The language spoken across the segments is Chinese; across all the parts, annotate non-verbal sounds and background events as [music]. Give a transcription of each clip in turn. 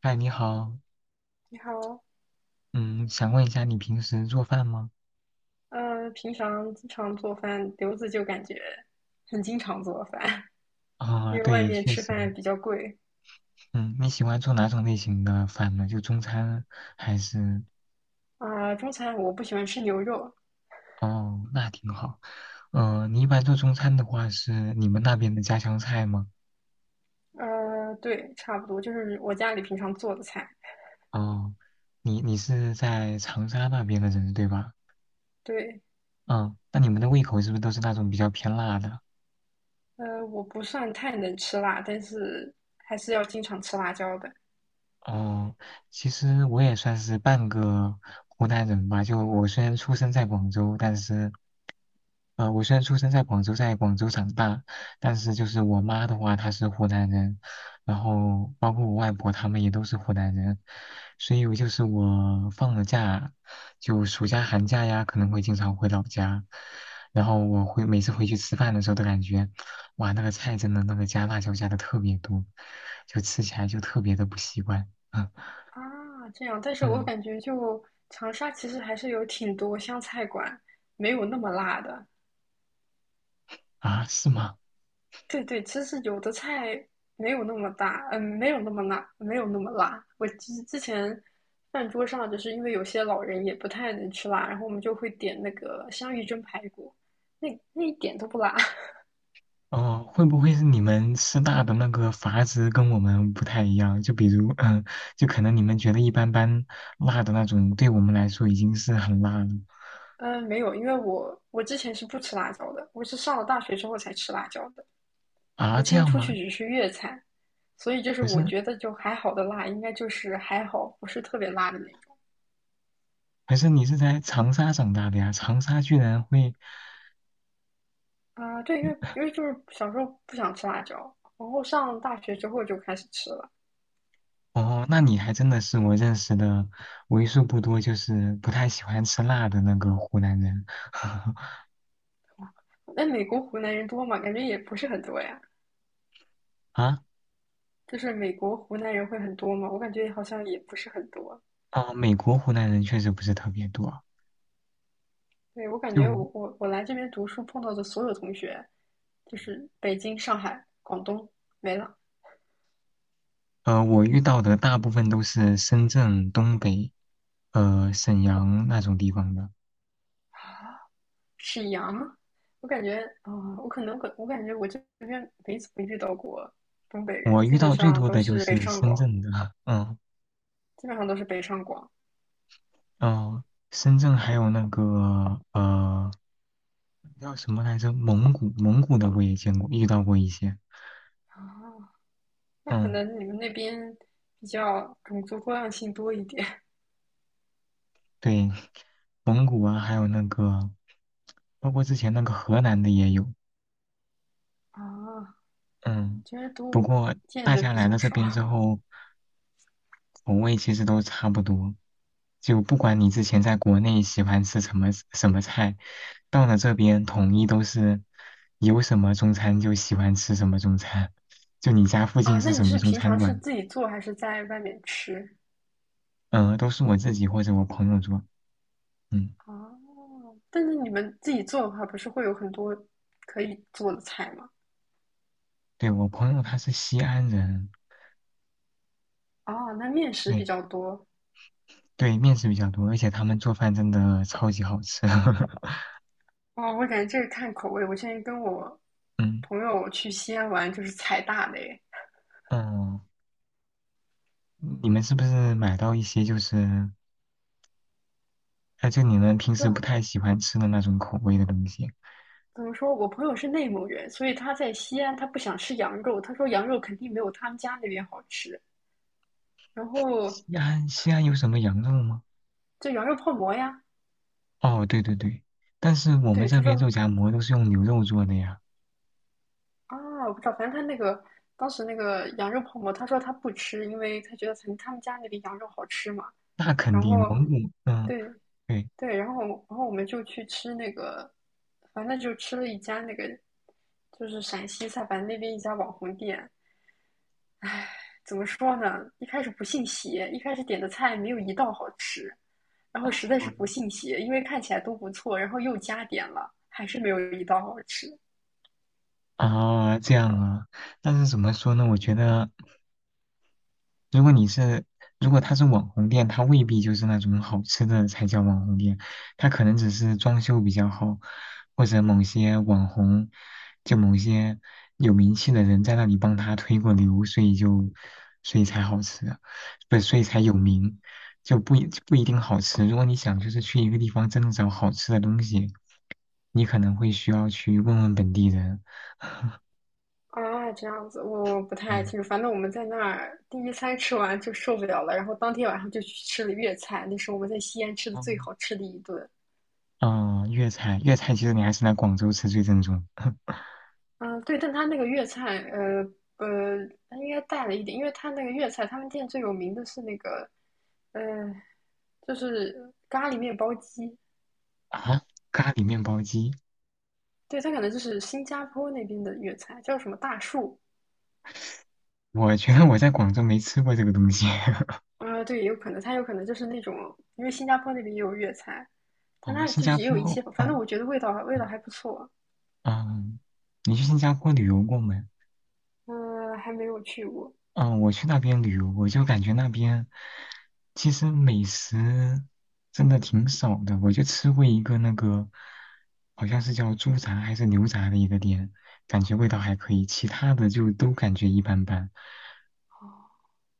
嗨，你好。你好。嗯，想问一下你平时做饭吗？平常经常做饭，刘子就感觉很经常做饭。[laughs] 啊、因为外对，面确吃实。饭比较贵。嗯，你喜欢做哪种类型的饭呢？就中餐还是？啊，中餐我不喜欢吃牛肉。哦，那挺好。嗯、你一般做中餐的话，是你们那边的家乡菜吗？对，差不多就是我家里平常做的菜。哦，你是在长沙那边的人对吧？对。嗯，那你们的胃口是不是都是那种比较偏辣的？我不算太能吃辣，但是还是要经常吃辣椒的哦，其实我也算是半个湖南人吧。就我虽然出生在广州，但是，我虽然出生在广州，在广州长大，但是就是我妈的话，她是湖南人，然后包括我外婆他们也都是湖南人，所以我就是我放了假，就暑假、寒假呀，可能会经常回老家，然后我会每次回去吃饭的时候都感觉，哇，那个菜真的那个加辣椒加的特别多，就吃起来就特别的不习惯。啊。这样，但是我嗯。感觉就长沙其实还是有挺多湘菜馆，没有那么辣的。啊，是吗？对对，其实有的菜没有那么大，没有那么辣，没有那么辣。我之前饭桌上，就是因为有些老人也不太能吃辣，然后我们就会点那个香芋蒸排骨，那一点都不辣。[laughs] 哦，会不会是你们师大的那个阀值跟我们不太一样？就比如，嗯，就可能你们觉得一般般辣的那种，对我们来说已经是很辣了。嗯，没有，因为我之前是不吃辣椒的，我是上了大学之后才吃辣椒的。啊？我之这前样出吗？去只吃粤菜，所以就是可我是觉得就还好的辣，应该就是还好，不是特别辣的那种。可是你是在长沙长大的呀，长沙居然会，啊，对，因为就是小时候不想吃辣椒，然后上大学之后就开始吃了。哦，那你还真的是我认识的为数不多就是不太喜欢吃辣的那个湖南人。 [laughs] 那美国湖南人多吗？感觉也不是很多呀。啊就是美国湖南人会很多吗？我感觉好像也不是很多。啊！美国湖南人确实不是特别多。对，我感觉就我来这边读书碰到的所有同学，就是北京、上海、广东没了，我遇到的大部分都是深圳、东北、沈阳那种地方的。沈阳。我感觉啊、我可能我感觉我这边没怎么遇到过东北人，我基遇本到最上多都的就是北是上深广，圳的，[laughs] 嗯。基本上都是北上广哦、深圳还有那个叫什么来着？蒙古，蒙古的我也见过，遇到过一些。啊。那可嗯，能你们那边比较种族多样性多一点 [laughs] 对，蒙古啊，还有那个，包括之前那个河南的也有。啊，嗯，觉得不都过见大的家比来了较这少边之后，口味其实都差不多，就不管你之前在国内喜欢吃什么什么菜，到了这边统一都是有什么中餐就喜欢吃什么中餐，就你家附啊。近那是你什么是中平餐常是馆。自己做还是在外面吃都是我自己或者我朋友做。嗯，啊？但是你们自己做的话，不是会有很多可以做的菜吗？对，我朋友他是西安人。哦，那面食比对较多对，面食比较多，而且他们做饭真的超级好吃。[laughs] 哦。我感觉这个看口味。我现在跟我嗯。朋友去西安玩，就是踩大雷。嗯，你们是不是买到一些就是，哎，就你们平不知时不道太喜欢吃的那种口味的东西啊。怎么说，我朋友是内蒙人，所以他在西安，他不想吃羊肉。他说羊肉肯定没有他们家那边好吃。然后西安，西安有什么羊肉吗？就羊肉泡馍呀，哦，对对对，但是我们对，这他边肉说夹馍都是用牛肉做的呀。啊，我不知道，反正他那个当时那个羊肉泡馍，他说他不吃，因为他觉得可能他们家那里羊肉好吃嘛。那肯然定后，蒙古，嗯，对对。对，然后我们就去吃那个，反正就吃了一家那个，就是陕西菜，反正那边一家网红店。怎么说呢？一开始不信邪，一开始点的菜没有一道好吃，然后实在是不信邪，因为看起来都不错，然后又加点了，还是没有一道好吃。啊，这样啊，但是怎么说呢？我觉得如果你是，如果它是网红店，它未必就是那种好吃的才叫网红店，它可能只是装修比较好，或者某些网红，就某些有名气的人在那里帮他推过流，所以就，所以才好吃啊，不，所以才有哦，名，就不一定好吃。如果你想就是去一个地方真的找好吃的东西，你可能会需要去问问本地人，啊，这样子我不太对。清楚。反正我们在那儿第一餐吃完就受不了了，然后当天晚上就去吃了粤菜，那是我们在西安吃的最嗯，好吃的一顿。哦，粤菜，粤菜其实你还是来广州吃最正宗。[laughs] 嗯，对，但他那个粤菜，他应该带了一点，因为他那个粤菜，他们店最有名的是那个，呃，就是咖喱面包鸡。啊，咖喱面包机，对，他可能就是新加坡那边的粤菜，叫什么大树。我觉得我在广州没吃过这个东西。[laughs] 嗯，对，有可能，他有可能就是那种，因为新加坡那边也有粤菜，但哦，它新就是加也有一坡。些，反正嗯。我觉得味道嗯。还不错。嗯，你去新加坡旅游过没？嗯、还没有去过。嗯，我去那边旅游，我就感觉那边其实美食真的挺少的。我就吃过一个那个，好像是叫猪杂还是牛杂的一个店，感觉味道还可以，其他的就都感觉一般般。哦，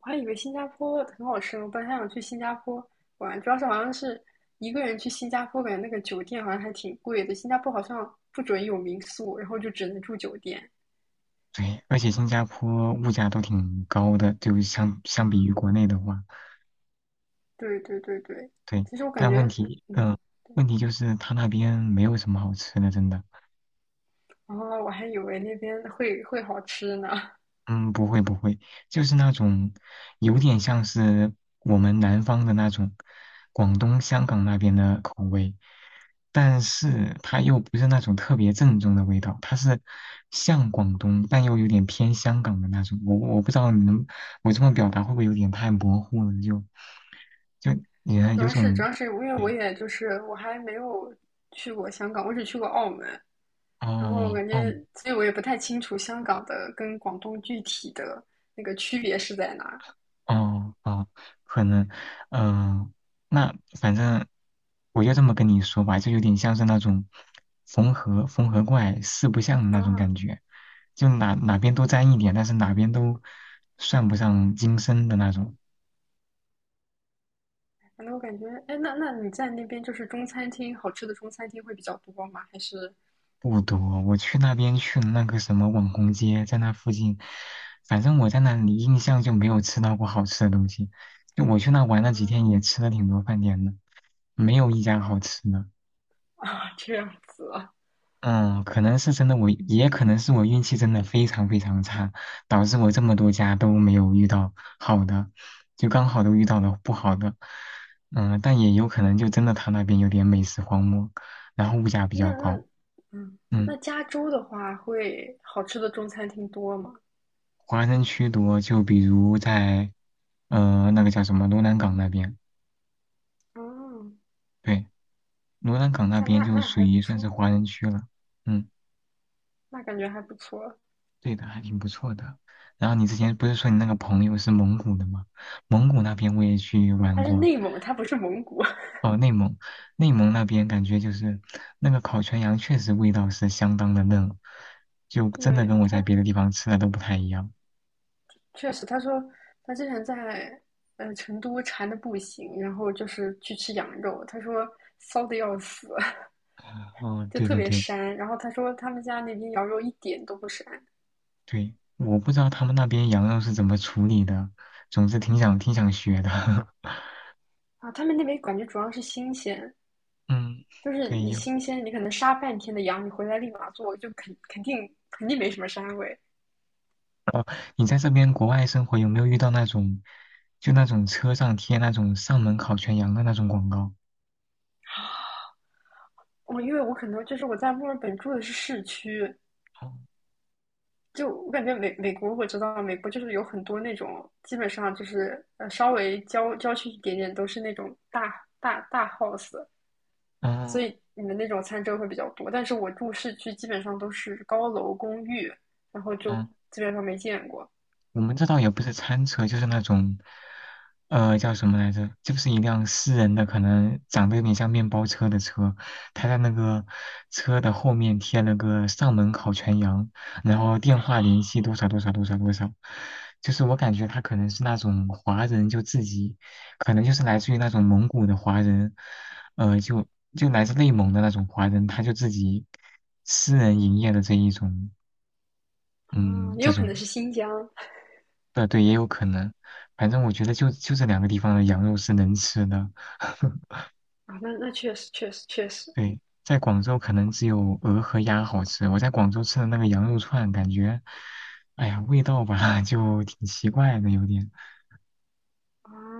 我还以为新加坡很好吃呢，我本来还想去新加坡玩，主要是好像是一个人去新加坡，感觉那个酒店好像还挺贵的，新加坡好像不准有民宿，然后就只能住酒店。对，而且新加坡物价都挺高的，就相比啊，于国内的话。对对对对，对，其实我感但问觉，题，嗯，对，问题就是他那边没有什么好吃的，真的。然后我还以为那边会好吃呢。嗯，不会不会，就是那种有点像是我们南方的那种广东、香港那边的口味，但是它又不是那种特别正宗的味道，它是像广东但又有点偏香港的那种。我不知道你能，我这么表达会不会有点太模糊了？就就也主有要是主种要是因为我也就是我还没有去过香港，我只去过澳门，然后我哦感觉，哦。所以我也不太清楚香港的跟广东具体的那个区别是在哪儿哦，哦，可能，嗯、那反正我就这么跟你说吧，就有点像是那种缝合怪四不像的那种啊。感觉，就哪边都沾一点，但是哪边都算不上精深的那种。反正我感觉，哎，那你在那边就是中餐厅好吃的中餐厅会比较多吗？还是不多，我去那边去了那个什么网红街，在那附近，反正我在那里印象就没有吃到过好吃的东西。就我去那玩了几天，啊？也吃了挺多饭店的，没有一家好吃的。啊，这样子啊？嗯，可能是真的我，也可能是我运气真的非常非常差，导致我这么多家都没有遇到好的，就刚好都遇到了不好的。嗯，但也有可能就真的他那边有点美食荒漠，然后物价比那较高。那嗯，嗯，那加州的话会好吃的中餐厅多吗？华人区多，就比如在那个叫什么罗南港那边。嗯，对，罗南港那那边那就那属还于不算是错，华人区了。嗯。那感觉还不错。对的，还挺不错的。然后你之前不是说你那个朋友是蒙古的吗？蒙古那边我也去玩它是过。内蒙，它不是蒙古。哦，内蒙，内蒙那边感觉就是那个烤全羊确实味道是相当的嫩，就真的对，跟我他在别的地方吃的都不太一样。确实，他说他之前在成都馋的不行，然后就是去吃羊肉，他说骚的要死。哦，[laughs] 就对特对别对膻。然后他说他们家那边羊肉一点都不膻对，我不知道他们那边羊肉是怎么处理的，总之挺想学的。啊，他们那边感觉主要是新鲜，[laughs] 嗯，就是对，你有。新鲜，你可能杀半天的羊，你回来立马做，就肯定没什么膻味。你在这边国外生活有没有遇到那种，就那种车上贴那种上门烤全羊的那种广告？我因为我可能就是我在墨尔本住的是市区，嗯。就我感觉美国，我知道美国就是有很多那种，基本上就是稍微郊区一点点都是那种大大大 house，所嗯，以你们那种餐车会比较多。但是我住市区基本上都是高楼公寓，然后就呃基本上没见过我们这倒也不是餐车，就是那种，叫什么来着？就是一辆私人的，可能长得有点像面包车的车，他在那个车的后面贴了个上门烤全羊，然后电话联系多少多少多少多少，就是我感觉他可能是那种华人，就自己可能就是来自于那种蒙古的华人，呃，就就来自内蒙的那种华人，他就自己私人营业的这一种，啊，嗯，也这有可种。能是新疆对，也有可能。反正我觉得就这两个地方的羊肉是能吃的。[laughs] 啊，那确实确实确实对，在广州可能只有鹅和鸭好吃。我在广州吃的那个羊肉串，感觉，哎呀，味道吧 [laughs] 就挺奇怪的，有点。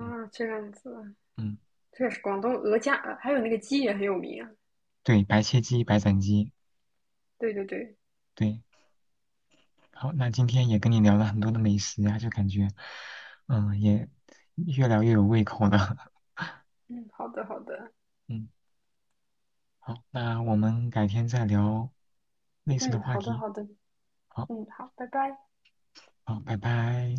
嗯。这样子嗯，确实广东鹅架还有那个鸡也很有名啊，对，白切鸡、白斩鸡，对对对，对。好，那今天也跟你聊了很多的美食啊，就感觉，嗯，也越聊越有胃口了。嗯，好的好的，[laughs] 嗯，好，那我们改天再聊类似的嗯话好的题。好的，好，嗯好，拜拜。好，拜拜。